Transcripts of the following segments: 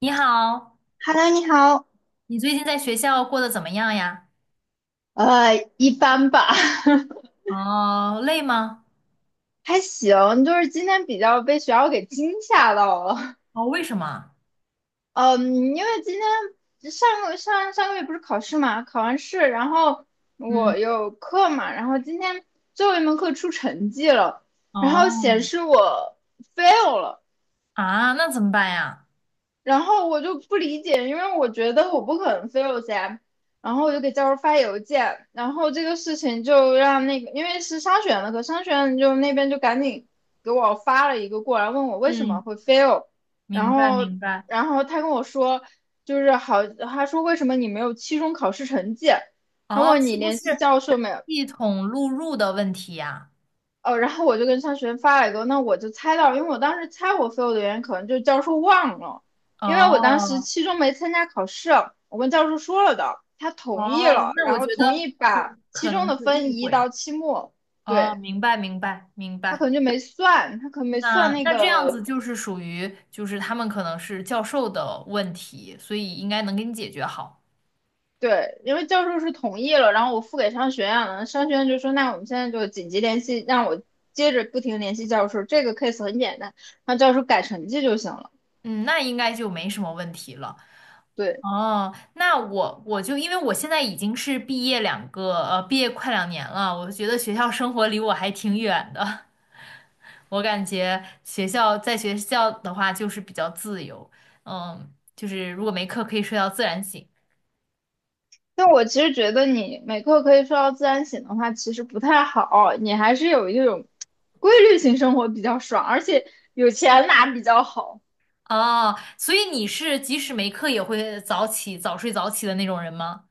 你好，Hello，你好。你最近在学校过得怎么样呀？一般吧，哦，累吗？还行，就是今天比较被学校给惊吓到了。哦，为什么？嗯，因为今天上上个月不是考试嘛，考完试，然后嗯，我有课嘛，然后今天最后一门课出成绩了，然后显哦，示我 fail 了。啊，那怎么办呀？然后我就不理解，因为我觉得我不可能 fail 噻。然后我就给教授发邮件，然后这个事情就让那个，因为是商学院的课，商学院就那边就赶紧给我发了一个过来，问我为什么嗯，会 fail。然明白后，明白，然后他跟我说，就是好，他说为什么你没有期中考试成绩？他哦，问你是不联系是教授没有？系统录入的问题呀？哦，然后我就跟商学院发了一个，那我就猜到，因为我当时猜我 fail 的原因可能就是教授忘了，因为我当时哦，期中没参加考试，我跟教授说了的，他同意哦，了，那我然觉后同得意把就期可中能的是分误移会。到期末，哦，对，明白明白明他可能白。就没算，他可能没算那那那这样子个，就是属于就是他们可能是教授的问题，所以应该能给你解决好。对，因为教授是同意了，然后我付给商学院了，商学院就说那我们现在就紧急联系，让我接着不停联系教授，这个 case 很简单，让教授改成绩就行了，嗯，那应该就没什么问题了。对。哦，那我就因为我现在已经是毕业快2年了，我觉得学校生活离我还挺远的。我感觉学校在学校的话就是比较自由，嗯，就是如果没课可以睡到自然醒。但我其实觉得你每刻可以睡到自然醒的话，其实不太好。你还是有一种规律性生活比较爽，而且有钱拿比较好。哦，所以你是即使没课也会早起、早睡早起的那种人吗？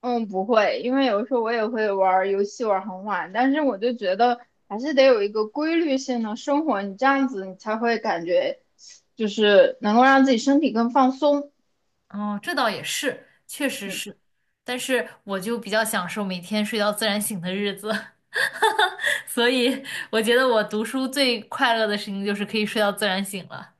嗯，不会，因为有时候我也会玩儿游戏玩儿很晚，但是我就觉得还是得有一个规律性的生活，你这样子你才会感觉就是能够让自己身体更放松。哦，这倒也是，确实嗯。是，但是我就比较享受每天睡到自然醒的日子，所以我觉得我读书最快乐的事情就是可以睡到自然醒了。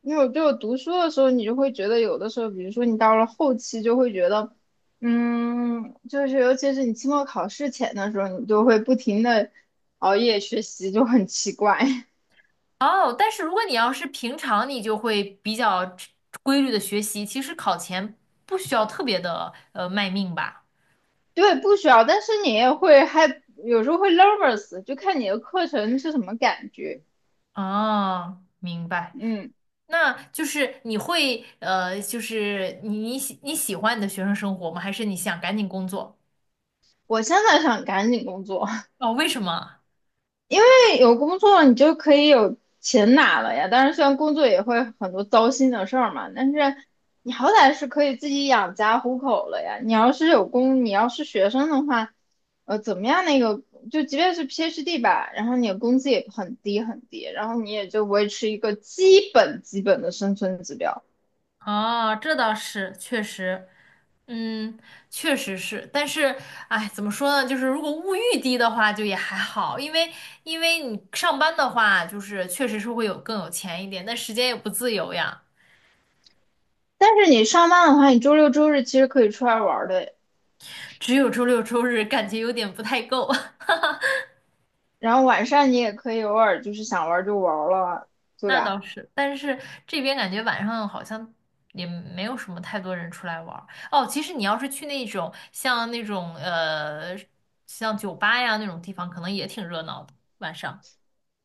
因为我就读书的时候，你就会觉得有的时候，比如说你到了后期，就会觉得，嗯，就是尤其是你期末考试前的时候，你就会不停的熬夜学习，就很奇怪。哦，但是如果你要是平常，你就会比较规律的学习，其实考前不需要特别的卖命吧。对，不需要，但是你也会还有时候会 nervous，就看你的课程是什么感觉。哦，明白。嗯，那就是就是你喜欢你的学生生活吗？还是你想赶紧工作？我现在想赶紧工作，哦，为什么？有工作你就可以有钱拿了呀。当然，虽然工作也会很多糟心的事儿嘛，但是你好歹是可以自己养家糊口了呀。你要是有工，你要是学生的话，呃，怎么样？那个就即便是 PhD 吧，然后你的工资也很低很低，然后你也就维持一个基本的生存指标。哦，这倒是，确实，嗯，确实是，但是，哎，怎么说呢？就是如果物欲低的话，就也还好，因为你上班的话，就是确实是会有更有钱一点，但时间也不自由呀，但是你上班的话，你周六周日其实可以出来玩儿的，只有周六周日，感觉有点不太够。然后晚上你也可以偶尔就是想玩儿就玩儿了，对那吧？倒是，但是这边感觉晚上好像也没有什么太多人出来玩儿。哦，其实你要是去那种像那种像酒吧呀那种地方，可能也挺热闹的晚上。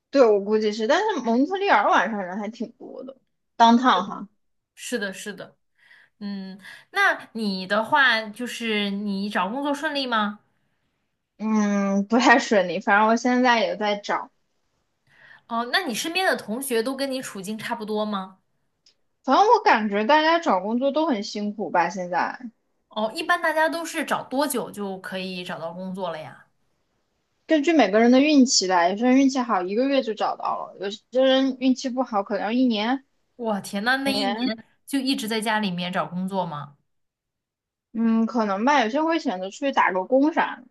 对，我估计是，但是蒙特利尔晚上人还挺多的当趟哈，是的，是的，嗯，那你的话就是你找工作顺利吗？嗯，不太顺利。反正我现在也在找，哦，那你身边的同学都跟你处境差不多吗？反正我感觉大家找工作都很辛苦吧。现在哦，一般大家都是找多久就可以找到工作了呀？根据每个人的运气来，有些人运气好1个月就找到了，有些人运气不好可能要1年，我天呐，那1年就一直在家里面找工作吗？嗯，可能吧。有些人会选择出去打个工啥的，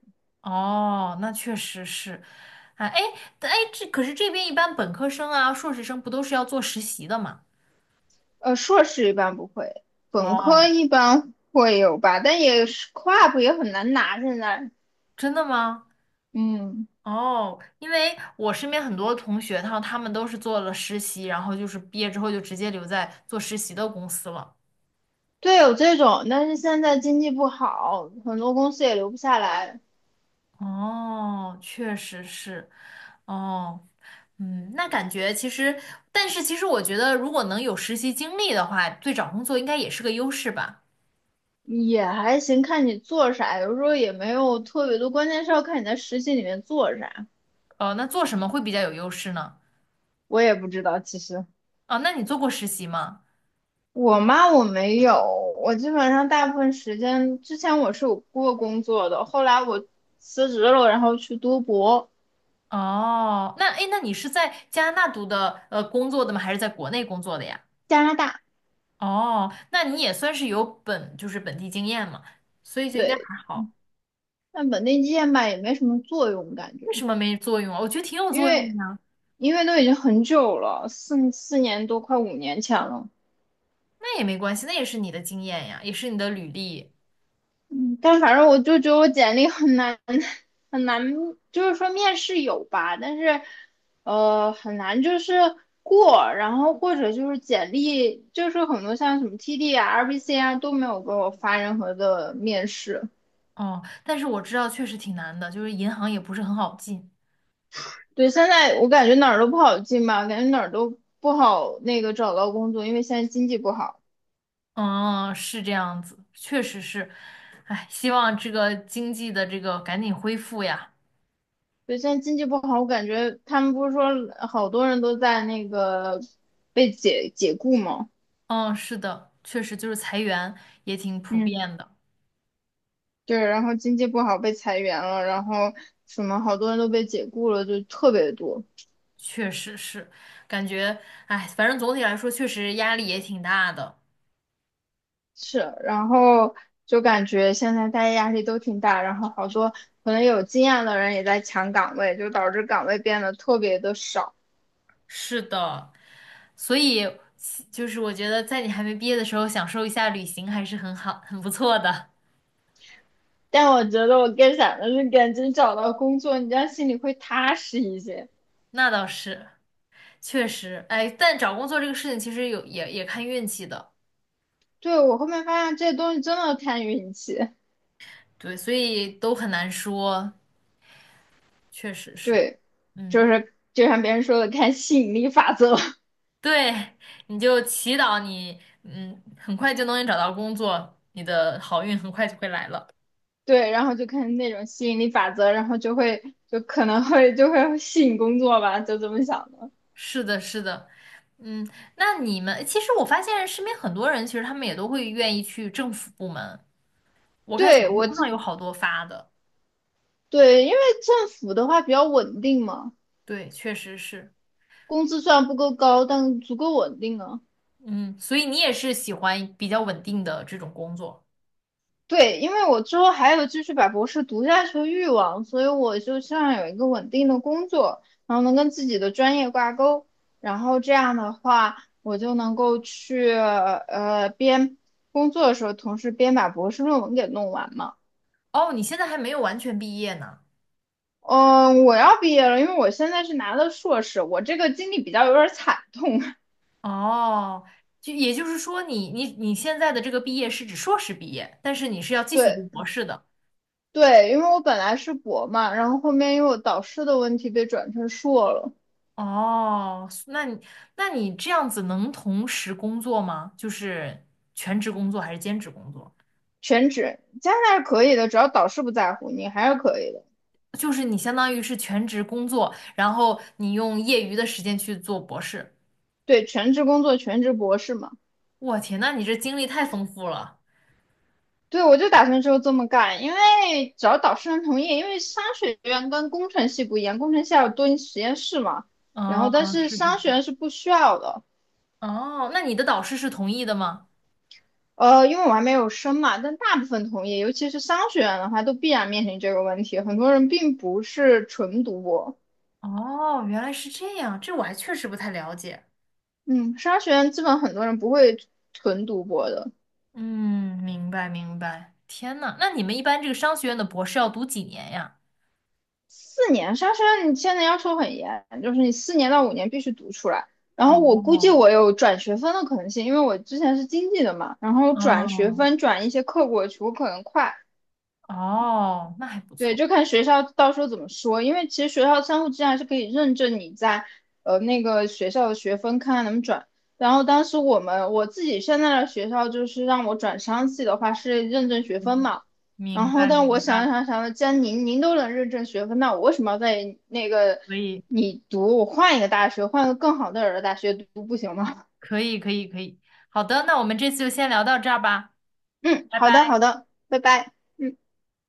哦，那确实是，啊，哎，但哎，这可是这边一般本科生啊、硕士生不都是要做实习的吗？呃，硕士一般不会，本科哦，一般会有吧，但也是 CLUB 也很难拿现在，真的吗？嗯。哦，因为我身边很多同学，他们都是做了实习，然后就是毕业之后就直接留在做实习的公司了。对，有这种，但是现在经济不好，很多公司也留不下来，哦，确实是。哦，嗯，那感觉其实，但是其实我觉得，如果能有实习经历的话，对找工作应该也是个优势吧？也还行，看你做啥，有时候也没有特别多，关键是要看你在实习里面做啥。呃，那做什么会比较有优势呢？我也不知道，其实哦，那你做过实习吗？我妈我没有，我基本上大部分时间之前我是有过工作的，后来我辞职了，然后去读博，哦，那诶，那你是在加拿大读的工作的吗？还是在国内工作的呀？加拿大，哦，那你也算是有本，就是本地经验嘛，所以就应该对，还好。但本地经验吧也没什么作用感觉，为什么没作用啊？我觉得挺有因作用为的呀。因为都已经很久了，四年多快5年前了。那也没关系，那也是你的经验呀，也是你的履历。但反正我就觉得我简历很难 很难，就是说面试有吧，但是呃很难就是过，然后或者就是简历就是很多像什么 TD 啊、RBC 啊都没有给我发任何的面试。哦，但是我知道确实挺难的，就是银行也不是很好进。对，现在我感觉哪儿都不好进吧，感觉哪儿都不好那个找到工作，因为现在经济不好。哦，是这样子，确实是。哎，希望这个经济的这个赶紧恢复呀。对，现在经济不好，我感觉他们不是说好多人都在那个被解雇吗？嗯，是的，确实就是裁员也挺普嗯。遍的，对，然后经济不好被裁员了，然后什么好多人都被解雇了，就特别多。确实是，感觉，哎，反正总体来说确实压力也挺大的。是，然后就感觉现在大家压力都挺大，然后好多可能有经验的人也在抢岗位，就导致岗位变得特别的少。是的，所以就是我觉得在你还没毕业的时候，享受一下旅行还是很好，很不错的。但我觉得我更想的是赶紧找到工作，你这样心里会踏实一些。那倒是，确实，哎，但找工作这个事情其实有也也看运气的，对，我后面发现这东西真的看运气，对，所以都很难说，确实是，对，嗯，就是就像别人说的，看吸引力法则。对，你就祈祷你，嗯，很快就能找到工作，你的好运很快就会来了。对，然后就看那种吸引力法则，然后就会吸引工作吧，就这么想的。是的，是的。嗯，那你们其实我发现身边很多人，其实他们也都会愿意去政府部门，我看小对，红书上有好多发的，对，因为政府的话比较稳定嘛，对，确实是，工资虽然不够高，但足够稳定啊。嗯，所以你也是喜欢比较稳定的这种工作。对，因为我之后还有继续把博士读下去的欲望，所以我就希望有一个稳定的工作，然后能跟自己的专业挂钩，然后这样的话，我就能够去呃边工作的时候，同时边把博士论文给弄完嘛。哦，你现在还没有完全毕业呢。嗯，我要毕业了，因为我现在是拿的硕士，我这个经历比较有点惨痛。哦，就也就是说你，你你现在的这个毕业是指硕士毕业，但是你是要 继续对读博士的。对，因为我本来是博嘛，然后后面因为我导师的问题被转成硕了，哦，那你这样子能同时工作吗？就是全职工作还是兼职工作？全职。加拿大是可以的，只要导师不在乎，你还是可以的。就是你相当于是全职工作，然后你用业余的时间去做博士。对，全职工作，全职博士嘛。我天，那你这经历太丰富了。对，我就打算之后这么干，因为只要导师能同意，因为商学院跟工程系不一样，工程系要蹲实验室嘛，然后哦，但是是是商是，学院是不需要的。哦，那你的导师是同意的吗？呃，因为我还没有升嘛，但大部分同业，尤其是商学院的话，都必然面临这个问题。很多人并不是纯读博，哦，原来是这样，这我还确实不太了解。嗯，商学院基本很多人不会纯读博的。嗯，明白明白。天呐，那你们一般这个商学院的博士要读几年呀？四年，商学院你现在要求很严，就是你4到5年必须读出来。然后我估计哦我有转学分的可能性，因为我之前是经济的嘛，然后转学哦分转一些课过去，我可能快。哦，那还不对，错。就看学校到时候怎么说，因为其实学校相互之间还是可以认证你在呃那个学校的学分，看看能不能转。然后当时我们我自己现在的学校就是让我转商系的话是认证学分嘛，明然后白但我明想白，想想了，既然您都能认证学分，那我为什么要在那个可以你读，我换一个大学，换个更好的人的大学读不行吗？可以可以可以，好的，那我们这次就先聊到这儿吧，嗯，拜好的好拜。的，拜拜。嗯。